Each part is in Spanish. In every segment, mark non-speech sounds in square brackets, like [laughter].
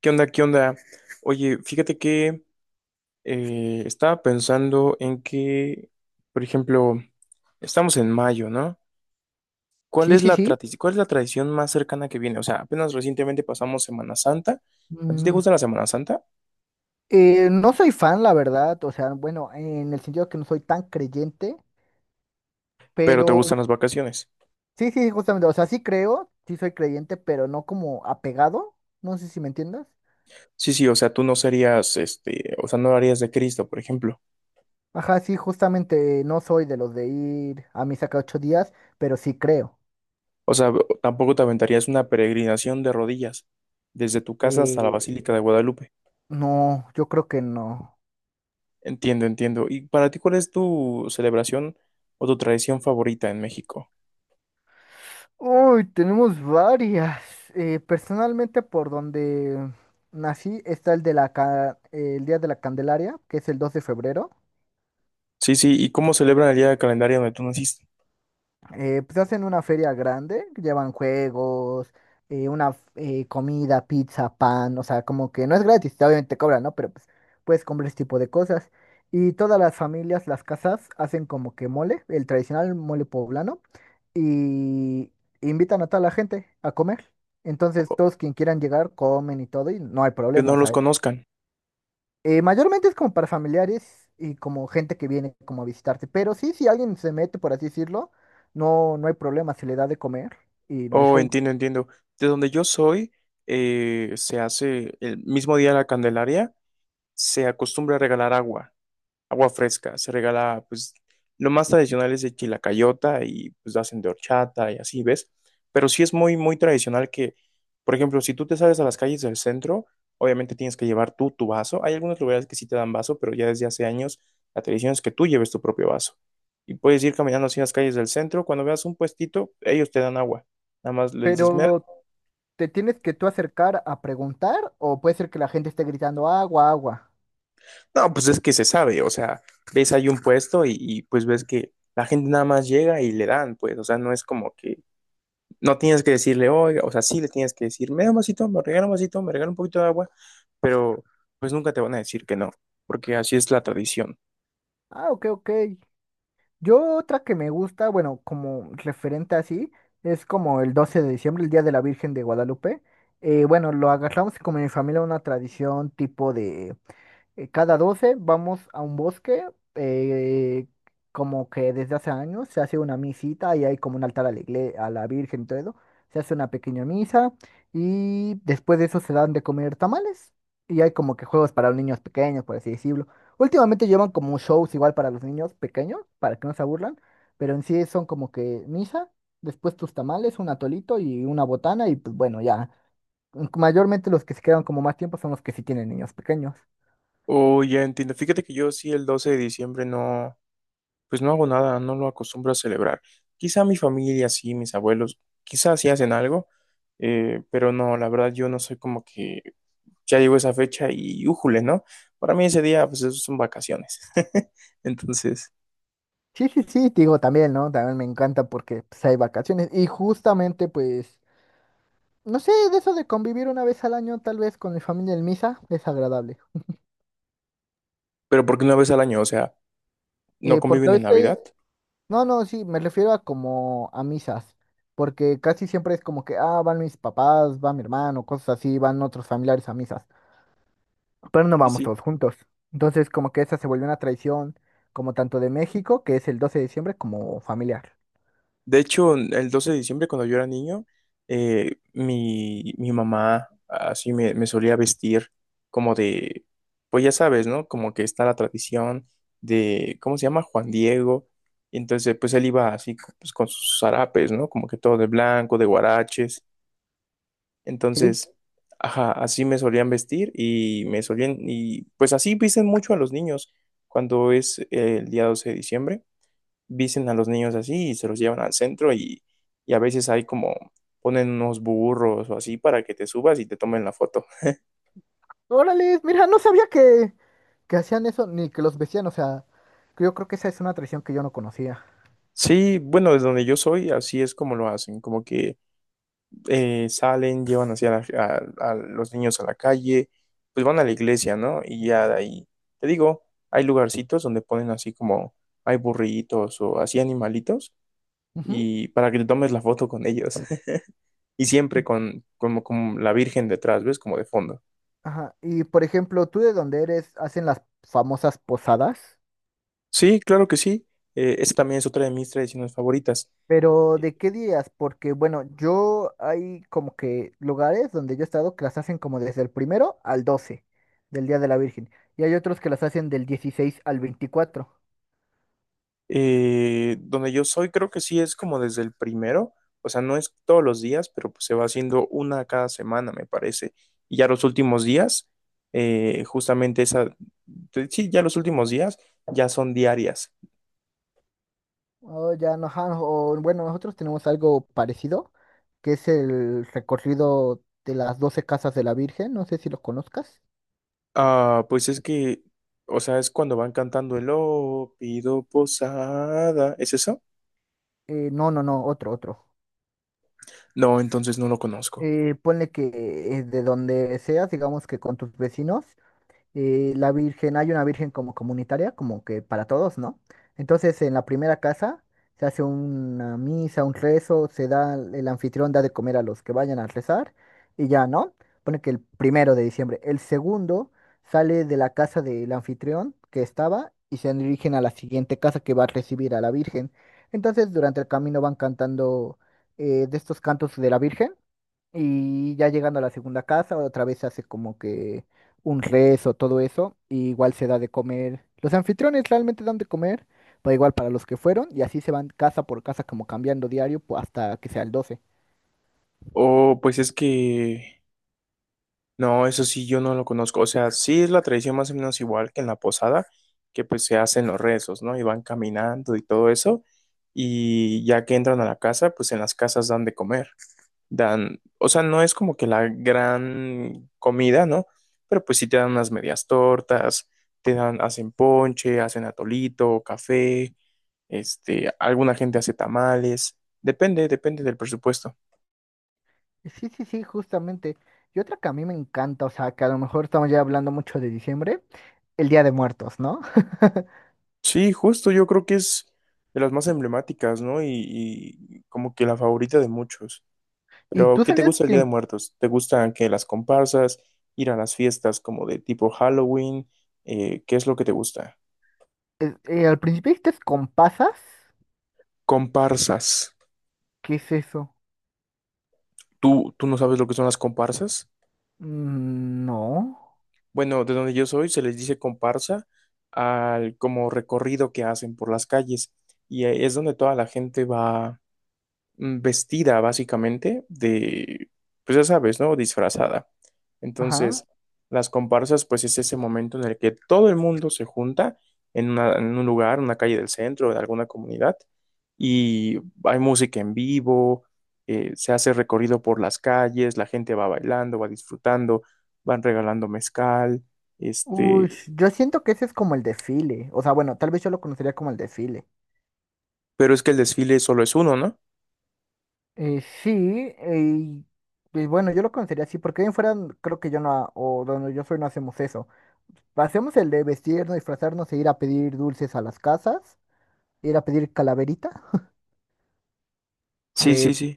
¿Qué onda? ¿Qué onda? Oye, fíjate que estaba pensando en que, por ejemplo, estamos en mayo, ¿no? ¿Cuál Sí, es sí, la sí. tradición, cuál es la tradición más cercana que viene? O sea, apenas recientemente pasamos Semana Santa. ¿A ti te Mm, gusta la Semana Santa? no soy fan, la verdad. O sea, bueno, en el sentido que no soy tan creyente, Pero te pero gustan las vacaciones. sí, sí, justamente. O sea, sí creo, sí soy creyente, pero no como apegado. No sé si me entiendas. Sí, sí, o sea, tú no serías, este, o sea, no harías de Cristo, por ejemplo. Ajá, sí, justamente no soy de los de ir a misa cada ocho días, pero sí creo. O sea, tampoco te aventarías una peregrinación de rodillas desde tu casa hasta la Basílica Eh, de Guadalupe. no, yo creo que no. Entiendo, entiendo. ¿Y para ti cuál es tu celebración o tu tradición favorita en México? Uy, tenemos varias. Personalmente, por donde nací, está el Día de la Candelaria, que es el 2 de febrero. Sí, sí, ¿y cómo celebran el día del calendario donde tú naciste? Pues hacen una feria grande, llevan juegos, una comida, pizza, pan, o sea, como que no es gratis, obviamente cobran, ¿no? Pero pues puedes comprar ese tipo de cosas. Y todas las familias, las casas, hacen como que mole, el tradicional mole poblano, y invitan a toda la gente a comer. Entonces, O- todos quien quieran llegar comen y todo, y no hay Que problema, no o los sea, conozcan. Mayormente es como para familiares y como gente que viene como a visitarte. Pero sí, si alguien se mete, por así decirlo, no, no hay problema, se le da de comer y no hay Oh, show. entiendo, entiendo. De donde yo soy, se hace el mismo día de la Candelaria, se acostumbra a regalar agua. Agua fresca. Se regala, pues, lo más tradicional es de chilacayota y pues hacen de horchata y así, ¿ves? Pero sí es muy, muy tradicional que, por ejemplo, si tú te sales a las calles del centro, obviamente tienes que llevar tú tu vaso. Hay algunos lugares que sí te dan vaso, pero ya desde hace años la tradición es que tú lleves tu propio vaso. Y puedes ir caminando así en las calles del centro. Cuando veas un puestito, ellos te dan agua. Nada más le dices, "Me da-". Pero te tienes que tú acercar a preguntar o puede ser que la gente esté gritando agua, agua. No, pues es que se sabe, o sea, ves ahí un puesto y pues ves que la gente nada más llega y le dan, pues, o sea, no es como que no tienes que decirle, oiga, o sea, sí le tienes que decir, me da un vasito, me regala un vasito, me regala un poquito de agua, pero pues nunca te van a decir que no, porque así es la tradición. Ah, ok, ok. Yo otra que me gusta, bueno, como referente así, es como el 12 de diciembre, el Día de la Virgen de Guadalupe. Bueno, lo agarramos como en mi familia una tradición tipo de... Cada 12 vamos a un bosque, eh, como que desde hace años se hace una misita y hay como un altar a la Virgen, y todo eso. Se hace una pequeña misa y después de eso se dan de comer tamales y hay como que juegos para los niños pequeños, por así decirlo. Últimamente llevan como shows igual para los niños pequeños, para que no se aburran, pero en sí son como que misa, después tus tamales, un atolito y una botana y pues bueno, ya. Mayormente los que se quedan como más tiempo son los que sí tienen niños pequeños. Oh, ya entiendo. Fíjate que yo sí el 12 de diciembre no, pues no hago nada, no lo acostumbro a celebrar. Quizá mi familia sí, mis abuelos, quizá sí hacen algo, pero no, la verdad yo no soy como que ya llegó esa fecha y újule, ¿no? Para mí ese día, pues esos son vacaciones. [laughs] Entonces, Sí, sí, sí, te digo también, ¿no? También me encanta porque pues, hay vacaciones y justamente pues, no sé, de eso de convivir una vez al año tal vez con mi familia en misa es agradable. pero porque una vez al año, o sea, no Porque a conviven en Navidad. veces, no, no, sí, me refiero a como a misas, porque casi siempre es como que, ah, van mis papás, va mi hermano, cosas así, van otros familiares a misas, pero no Y vamos sí. todos juntos. Entonces como que esa se volvió una tradición como tanto de México, que es el 12 de diciembre, como familiar. De hecho, el 12 de diciembre, cuando yo era niño, mi mamá así me solía vestir como de, pues ya sabes, ¿no? Como que está la tradición de, ¿cómo se llama? Juan Diego. Y entonces, pues él iba así pues, con sus zarapes, ¿no? Como que todo de blanco, de guaraches. Sí, Entonces, ajá, así me solían vestir y me solían, y pues así visten mucho a los niños cuando es el día 12 de diciembre, visten a los niños así y se los llevan al centro y a veces hay como ponen unos burros o así para que te subas y te tomen la foto. órale, mira, no sabía que hacían eso ni que los vestían, o sea, que yo creo que esa es una tradición que yo no conocía. Sí, bueno, desde donde yo soy, así es como lo hacen, como que salen, llevan hacia la- a los niños a la calle, pues van a la iglesia, ¿no? Y ya de ahí, te digo, hay lugarcitos donde ponen así como, hay burritos o así animalitos, Ujú. y para que te tomes la foto con ellos, [laughs] y Y- siempre con, como, con la Virgen detrás, ¿ves? Como de fondo. Ajá, y por ejemplo, ¿tú de dónde eres? ¿Hacen las famosas posadas? Sí, claro que sí. Esa también es otra de mis tradiciones favoritas. Pero ¿de qué días? Porque bueno, yo hay como que lugares donde yo he estado que las hacen como desde el primero al 12 del Día de la Virgen. Y hay otros que las hacen del 16 al veinticuatro. Donde yo soy, creo que sí es como desde el primero, o sea, no es todos los días, pero pues se va haciendo una cada semana, me parece. Y ya los últimos días, justamente esa, te- sí, ya los últimos días ya son diarias. Oh, ya no, ajá, o, bueno, nosotros tenemos algo parecido, que es el recorrido de las 12 casas de la Virgen. No sé si los conozcas. Ah, pues es que, o sea, es cuando van cantando el oh, pido posada, ¿es eso? No, no, no, otro, otro. No, entonces no lo conozco. Ponle que de donde seas, digamos que con tus vecinos. La virgen, hay una virgen como comunitaria, como que para todos, ¿no? Entonces en la primera casa se hace una misa, un rezo, se da, el anfitrión da de comer a los que vayan a rezar y ya, ¿no? Pone que el primero de diciembre. El segundo sale de la casa del anfitrión que estaba y se dirigen a la siguiente casa que va a recibir a la virgen. Entonces durante el camino van cantando de estos cantos de la virgen. Y ya llegando a la segunda casa, otra vez se hace como que un rezo, todo eso, y igual se da de comer. Los anfitriones realmente dan de comer, pero igual para los que fueron. Y así se van casa por casa, como cambiando diario, hasta que sea el doce. O pues es que no, eso sí, yo no lo conozco. O sea, sí es la tradición más o menos igual que en la posada, que pues se hacen los rezos, ¿no? Y van caminando y todo eso. Y ya que entran a la casa, pues en las casas dan de comer. Dan, o sea, no es como que la gran comida, ¿no? Pero pues sí te dan unas medias tortas, te dan, hacen ponche, hacen atolito, café, este, alguna gente hace tamales. Depende, depende del presupuesto. Sí, sí, sí, justamente. Y otra que a mí me encanta, o sea, que a lo mejor estamos ya hablando mucho de diciembre, el Día de Muertos, ¿no? [laughs] Sí, justo yo creo que es de las más emblemáticas, ¿no? Y como que la favorita de muchos. ¿Y Pero, tú ¿qué te sabías gusta el que Día de Muertos? ¿Te gustan que las comparsas, ir a las fiestas como de tipo Halloween? ¿Qué es lo que te gusta? Al principio dijiste con pasas? Comparsas. ¿Qué es eso? ¿Tú, tú no sabes lo que son las comparsas? Mm, no. Bueno, de donde yo soy se les dice comparsa al como recorrido que hacen por las calles y es donde toda la gente va vestida básicamente de, pues ya sabes, ¿no? Disfrazada. Ajá. Entonces, las comparsas, pues es ese momento en el que todo el mundo se junta en, una- en un lugar, una calle del centro, en alguna comunidad, y hay música en vivo, se hace recorrido por las calles, la gente va bailando, va disfrutando, van regalando mezcal, Uy, este, yo siento que ese es como el desfile. O sea, bueno, tal vez yo lo conocería como el desfile. pero es que el desfile solo es uno, ¿no? Sí, pues bueno, yo lo conocería así, porque bien fuera, creo que yo no, o donde yo soy no hacemos eso. Hacemos el de vestirnos, disfrazarnos e ir a pedir dulces a las casas, ir a pedir calaverita. Sí, eh, sí, sí.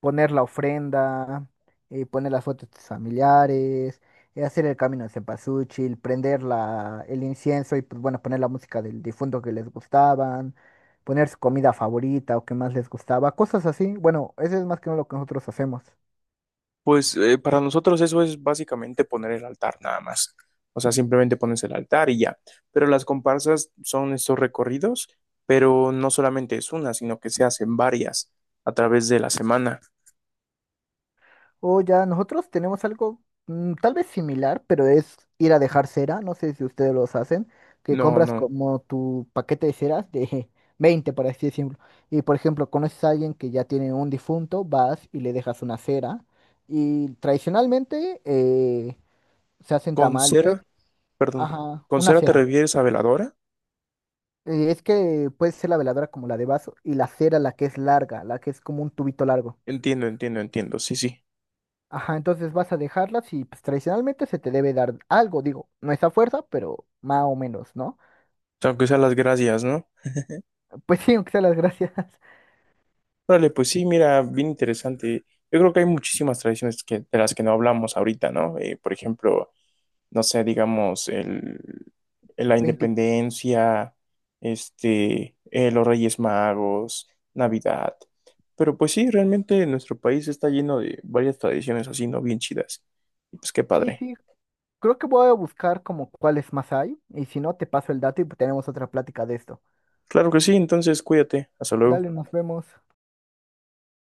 poner la ofrenda, poner las fotos de tus familiares, hacer el camino de cempasúchil, prender el incienso y pues bueno, poner la música del difunto que les gustaban, poner su comida favorita o que más les gustaba, cosas así. Bueno, eso es más que nada lo que nosotros hacemos. Pues para nosotros eso es básicamente poner el altar nada más. O sea, simplemente pones el altar y ya. Pero las comparsas son estos recorridos, pero no solamente es una, sino que se hacen varias a través de la semana. O ya, nosotros tenemos algo tal vez similar, pero es ir a dejar cera. No sé si ustedes los hacen, que No, compras no. como tu paquete de ceras de [laughs] 20, por así decirlo. Y por ejemplo, conoces a alguien que ya tiene un difunto, vas y le dejas una cera. Y tradicionalmente se hacen Con tamales, cera, perdón. ajá, ¿Con una cera te cera. refieres a veladora? Es que puede ser la veladora como la de vaso y la cera la que es larga, la que es como un tubito largo. Entiendo, entiendo, entiendo. Sí, sí. Ajá, entonces vas a dejarlas y pues tradicionalmente se te debe dar algo, digo, no es a fuerza, pero más o menos, ¿no? [laughs] Aunque sean las gracias, ¿no? Pues sí, aunque sea las gracias. [laughs] Vale, pues sí, mira, bien interesante. Yo creo que hay muchísimas tradiciones que, de las que no hablamos ahorita, ¿no? Por ejemplo, no sé, digamos, el, la 20. independencia, este, los Reyes Magos, Navidad. Pero pues sí, realmente nuestro país está lleno de varias tradiciones así, ¿no? Bien chidas. Y pues qué Sí, padre. sí, creo que voy a buscar como cuáles más hay y si no, te paso el dato y tenemos otra plática de esto. Claro que sí, entonces cuídate. Hasta luego. Dale, nos vemos.